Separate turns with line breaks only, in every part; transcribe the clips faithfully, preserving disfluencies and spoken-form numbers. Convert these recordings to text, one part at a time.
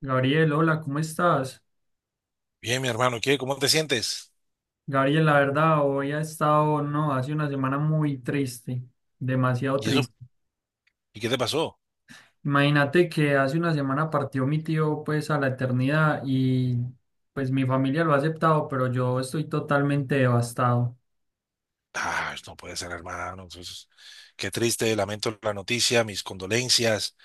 Gabriel, hola, ¿cómo estás?
Bien, mi hermano, ¿qué? ¿Cómo te sientes?
Gabriel, la verdad, hoy ha estado, no, hace una semana muy triste, demasiado
¿Y eso?
triste.
¿Y qué te pasó?
Imagínate que hace una semana partió mi tío, pues, a la eternidad y, pues, mi familia lo ha aceptado, pero yo estoy totalmente devastado.
Ah, pues, no puede ser, hermano. Entonces, qué triste, lamento la noticia, mis condolencias.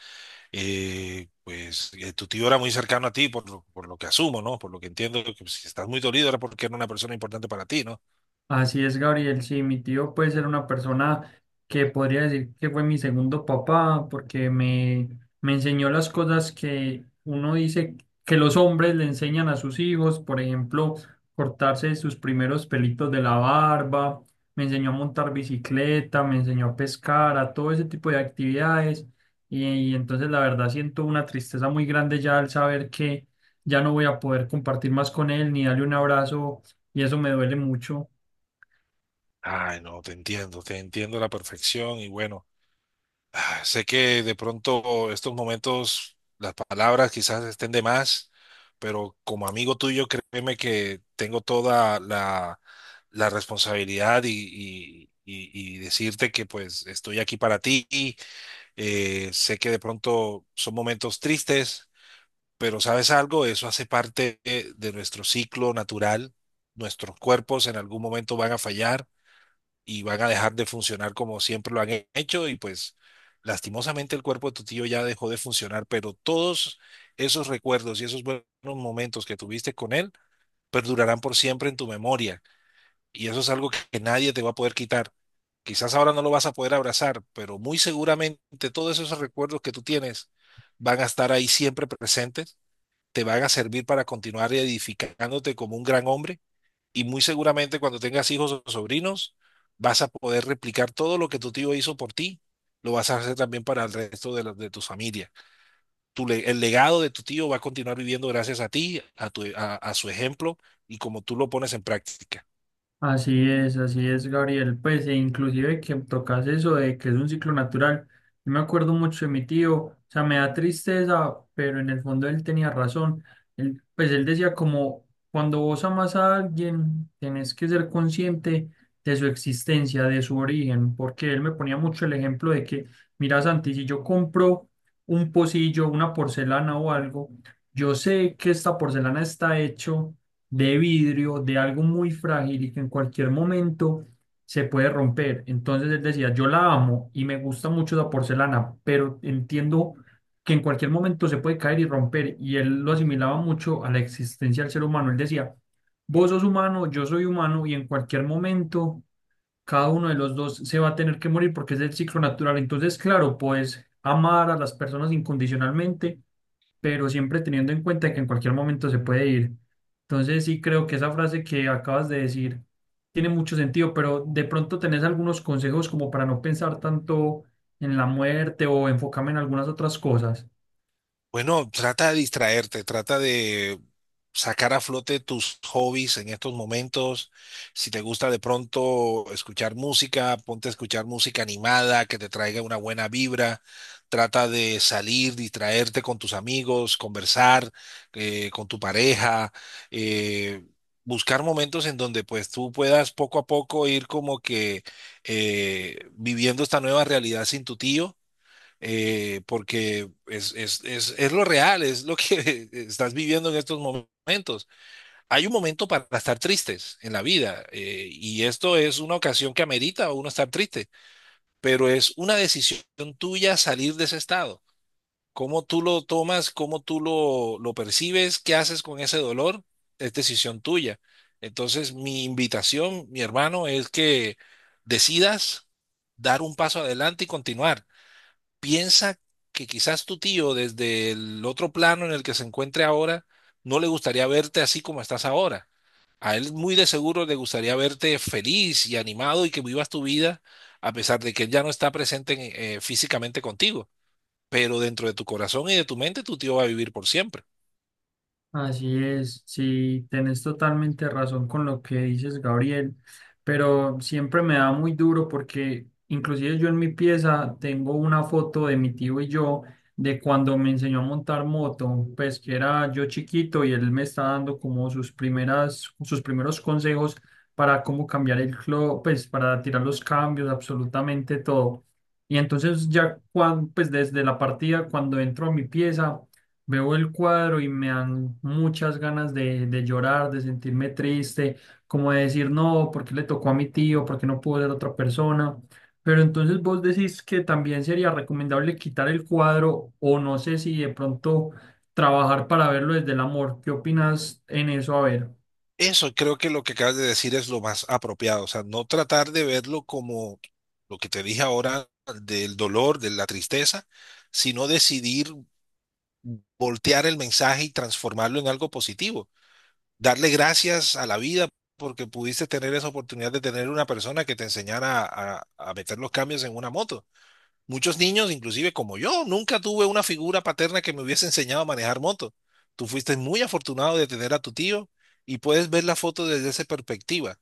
Eh, pues eh, tu tío era muy cercano a ti, por lo, por lo que asumo, ¿no? Por lo que entiendo, que pues, si estás muy dolido era porque era una persona importante para ti, ¿no?
Así es, Gabriel. Sí, mi tío puede ser una persona que podría decir que fue mi segundo papá, porque me, me enseñó las cosas que uno dice que los hombres le enseñan a sus hijos, por ejemplo, cortarse sus primeros pelitos de la barba, me enseñó a montar bicicleta, me enseñó a pescar, a todo ese tipo de actividades. Y, y entonces la verdad siento una tristeza muy grande ya al saber que ya no voy a poder compartir más con él ni darle un abrazo, y eso me duele mucho.
Ay, no, te entiendo, te entiendo a la perfección y bueno. Ah, Sé que de pronto estos momentos, las palabras quizás estén de más, pero como amigo tuyo, créeme que tengo toda la, la responsabilidad y, y- y- y decirte que pues estoy aquí para ti. Eh, sé que de pronto son momentos tristes, pero ¿sabes algo? Eso hace parte eh, de nuestro ciclo natural. Nuestros cuerpos en algún momento van a fallar y van a dejar de funcionar como siempre lo han he- hecho y pues lastimosamente el cuerpo de tu tío ya dejó de funcionar, pero todos esos recuerdos y esos buenos momentos que tuviste con él perdurarán por siempre en tu memoria y eso es algo que, que nadie te va a poder quitar. Quizás ahora no lo vas a poder abrazar, pero muy seguramente todos esos recuerdos que tú tienes van a estar ahí siempre presentes, te van a servir para continuar edificándote como un gran hombre y muy seguramente cuando tengas hijos o sobrinos, vas a poder replicar todo lo que tu tío hizo por ti, lo vas a hacer también para el resto de, la- de tu familia. Tu le- el legado de tu tío va a continuar viviendo gracias a ti, a, tu, a a su ejemplo y como tú lo pones en práctica.
Así es, así es, Gabriel. Pues, e inclusive que tocas eso de que es un ciclo natural. Yo me acuerdo mucho de mi tío, o sea, me da tristeza, pero en el fondo él tenía razón. Él, pues él decía como, cuando vos amas a alguien, tenés que ser consciente de su existencia, de su origen, porque él me ponía mucho el ejemplo de que, mira, Santi, si yo compro un pocillo, una porcelana o algo, yo sé que esta porcelana está hecho de vidrio, de algo muy frágil y que en cualquier momento se puede romper. Entonces él decía, yo la amo y me gusta mucho la porcelana, pero entiendo que en cualquier momento se puede caer y romper. Y él lo asimilaba mucho a la existencia del ser humano. Él decía, vos sos humano, yo soy humano y en cualquier momento cada uno de los dos se va a tener que morir porque es el ciclo natural. Entonces, claro, puedes amar a las personas incondicionalmente, pero siempre teniendo en cuenta que en cualquier momento se puede ir. Entonces, sí creo que esa frase que acabas de decir tiene mucho sentido, pero de pronto tenés algunos consejos como para no pensar tanto en la muerte o enfocarme en algunas otras cosas.
Bueno, trata de distraerte, trata de sacar a flote tus hobbies en estos momentos. Si te gusta de pronto escuchar música, ponte a escuchar música animada que te traiga una buena vibra. Trata de salir, distraerte con tus amigos, conversar eh, con tu pareja, eh, buscar momentos en donde pues tú puedas poco a poco ir como que eh, viviendo esta nueva realidad sin tu tío, eh, porque es, es, es, es lo real, es lo que estás viviendo en estos momentos. Hay un momento para estar tristes en la vida, eh, y esto es una ocasión que amerita a uno estar triste, pero es una decisión tuya salir de ese estado. Cómo tú lo tomas, cómo tú lo, lo percibes, qué haces con ese dolor, es decisión tuya. Entonces, mi invitación, mi hermano, es que decidas dar un paso adelante y continuar. Piensa que quizás tu tío desde el otro plano en el que se encuentre ahora no le gustaría verte así como estás ahora. A él muy de seguro le gustaría verte feliz y animado y que vivas tu vida a pesar de que él ya no está presente en- eh, físicamente contigo. Pero dentro de tu corazón y de tu mente tu tío va a vivir por siempre.
Así es, sí, tenés totalmente razón con lo que dices, Gabriel, pero siempre me da muy duro porque inclusive yo en mi pieza tengo una foto de mi tío y yo de cuando me enseñó a montar moto, pues que era yo chiquito y él me está dando como sus primeras, sus primeros consejos para cómo cambiar el clutch, pues para tirar los cambios, absolutamente todo. Y entonces ya cuando, pues desde la partida, cuando entro a mi pieza veo el cuadro y me dan muchas ganas de, de llorar, de sentirme triste, como de decir, no, ¿por qué le tocó a mi tío? ¿Por qué no pudo ser otra persona? Pero entonces vos decís que también sería recomendable quitar el cuadro o no sé si de pronto trabajar para verlo desde el amor. ¿Qué opinas en eso? A ver.
Eso creo, que lo que acabas de decir es lo más apropiado. O sea, no tratar de verlo como lo que te dije ahora, del dolor, de la tristeza, sino decidir voltear el mensaje y transformarlo en algo positivo. Darle gracias a la vida porque pudiste tener esa oportunidad de tener una persona que te enseñara a, a meter los cambios en una moto. Muchos niños, inclusive como yo, nunca tuve una figura paterna que me hubiese enseñado a manejar moto. Tú fuiste muy afortunado de tener a tu tío y puedes ver la foto desde esa perspectiva,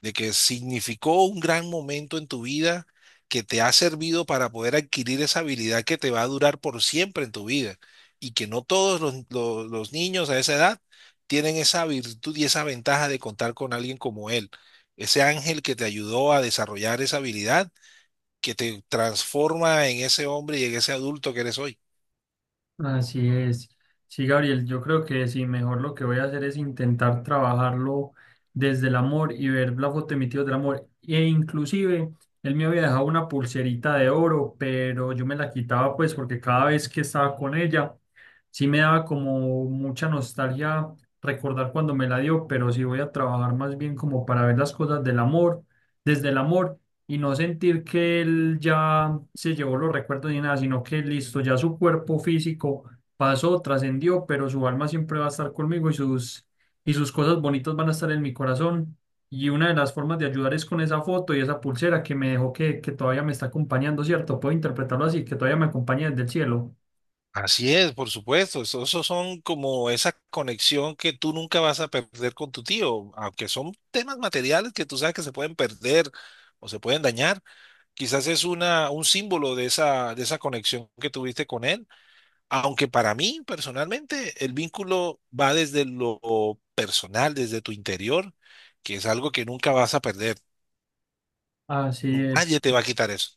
de que significó un gran momento en tu vida que te ha servido para poder adquirir esa habilidad que te va a durar por siempre en tu vida y que no todos los, los- los niños a esa edad tienen esa virtud y esa ventaja de contar con alguien como él, ese ángel que te ayudó a desarrollar esa habilidad que te transforma en ese hombre y en ese adulto que eres hoy.
Así es. Sí, Gabriel, yo creo que sí, mejor lo que voy a hacer es intentar trabajarlo desde el amor y ver la foto de mi tío del amor. E inclusive, él me había dejado una pulserita de oro, pero yo me la quitaba pues porque cada vez que estaba con ella, sí me daba como mucha nostalgia recordar cuando me la dio, pero sí voy a trabajar más bien como para ver las cosas del amor, desde el amor y no sentir que él ya se llevó los recuerdos ni nada, sino que listo, ya su cuerpo físico pasó, trascendió, pero su alma siempre va a estar conmigo y sus, y sus cosas bonitas van a estar en mi corazón. Y una de las formas de ayudar es con esa foto y esa pulsera que me dejó que, que todavía me está acompañando, ¿cierto? Puedo interpretarlo así, que todavía me acompaña desde el cielo.
Así es, por supuesto. Eso, eso son como esa conexión que tú nunca vas a perder con tu tío, aunque son temas materiales que tú sabes que se pueden perder o se pueden dañar. Quizás es una, un símbolo de esa, de esa conexión que tuviste con él. Aunque para mí, personalmente, el vínculo va desde lo personal, desde tu interior, que es algo que nunca vas a perder.
Así es,
Nadie te va a quitar eso.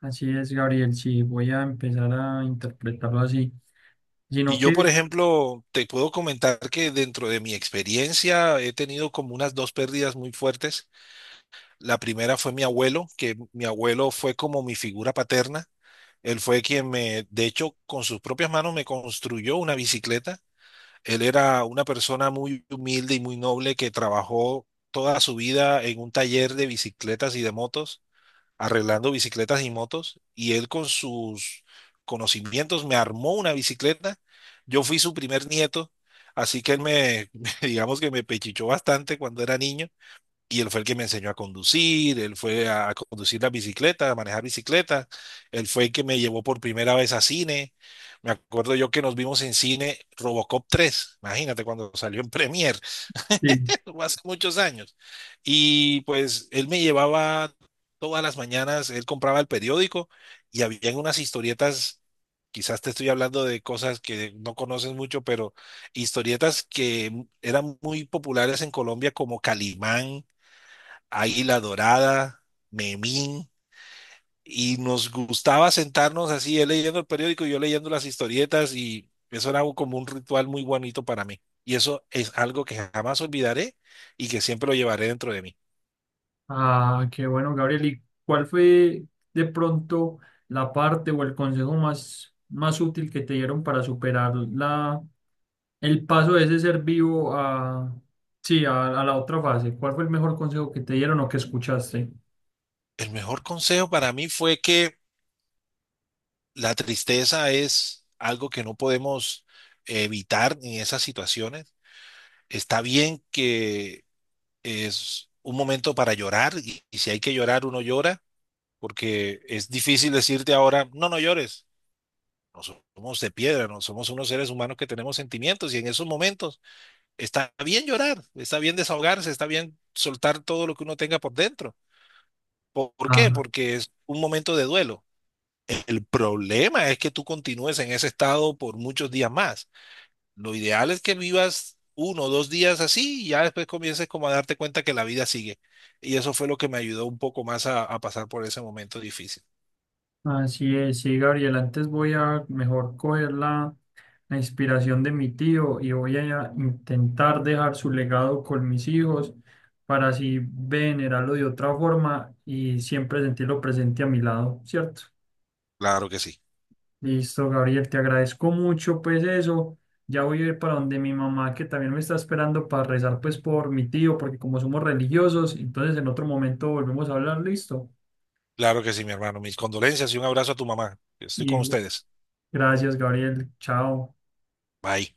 así es, Gabriel. Sí, voy a empezar a interpretarlo así,
Y
sino
yo,
que...
por ejemplo, te puedo comentar que dentro de mi experiencia he tenido como unas dos pérdidas muy fuertes. La primera fue mi abuelo, que mi abuelo fue como mi figura paterna. Él fue quien me, de hecho, con sus propias manos me construyó una bicicleta. Él era una persona muy humilde y muy noble que trabajó toda su vida en un taller de bicicletas y de motos arreglando bicicletas y motos, y él con sus conocimientos me armó una bicicleta. Yo fui su primer nieto, así que él me, digamos que me pechichó bastante cuando era niño, y él fue el que me enseñó a conducir, él fue a conducir la bicicleta, a manejar bicicleta, él fue el que me llevó por primera vez a cine. Me acuerdo yo que nos vimos en cine Robocop tres, imagínate, cuando salió en Premiere,
sí.
fue hace muchos años. Y pues él me llevaba todas las mañanas, él compraba el periódico y había unas historietas, quizás te estoy hablando de cosas que no conoces mucho, pero historietas que eran muy populares en Colombia como Calimán, Águila Dorada, Memín, y nos gustaba sentarnos así, él leyendo el periódico y yo leyendo las historietas, y eso era un- como un ritual muy bonito para mí. Y eso es algo que jamás olvidaré y que siempre lo llevaré dentro de mí.
Ah, qué bueno, Gabriel. ¿Y cuál fue de pronto la parte o el consejo más, más útil que te dieron para superar la, el paso de ese ser vivo a, sí, a, a la otra fase? ¿Cuál fue el mejor consejo que te dieron o que escuchaste?
El mejor consejo para mí fue que la tristeza es algo que no podemos evitar en esas situaciones. Está bien que es un momento para llorar, y y si hay que llorar, uno llora porque es difícil decirte ahora, no, no llores. No somos de piedra, no somos unos seres humanos que tenemos sentimientos, y en esos momentos está bien llorar, está bien desahogarse, está bien soltar todo lo que uno tenga por dentro. ¿Por por qué? Porque es un momento de duelo. El problema es que tú continúes en ese estado por muchos días más. Lo ideal es que vivas uno o dos días así y ya después comiences como a darte cuenta que la vida sigue. Y eso fue lo que me ayudó un poco más a, a pasar por ese momento difícil.
Así es, sí, Gabriel. Antes voy a mejor coger la, la inspiración de mi tío y voy a intentar dejar su legado con mis hijos para así venerarlo de otra forma y siempre sentirlo presente a mi lado, ¿cierto?
Claro que sí.
Listo, Gabriel, te agradezco mucho, pues eso. Ya voy a ir para donde mi mamá, que también me está esperando para rezar, pues por mi tío, porque como somos religiosos, entonces en otro momento volvemos a hablar, listo.
Claro que sí, mi hermano. Mis condolencias y un abrazo a tu mamá. Estoy
Y
con ustedes.
gracias, Gabriel, chao.
Bye.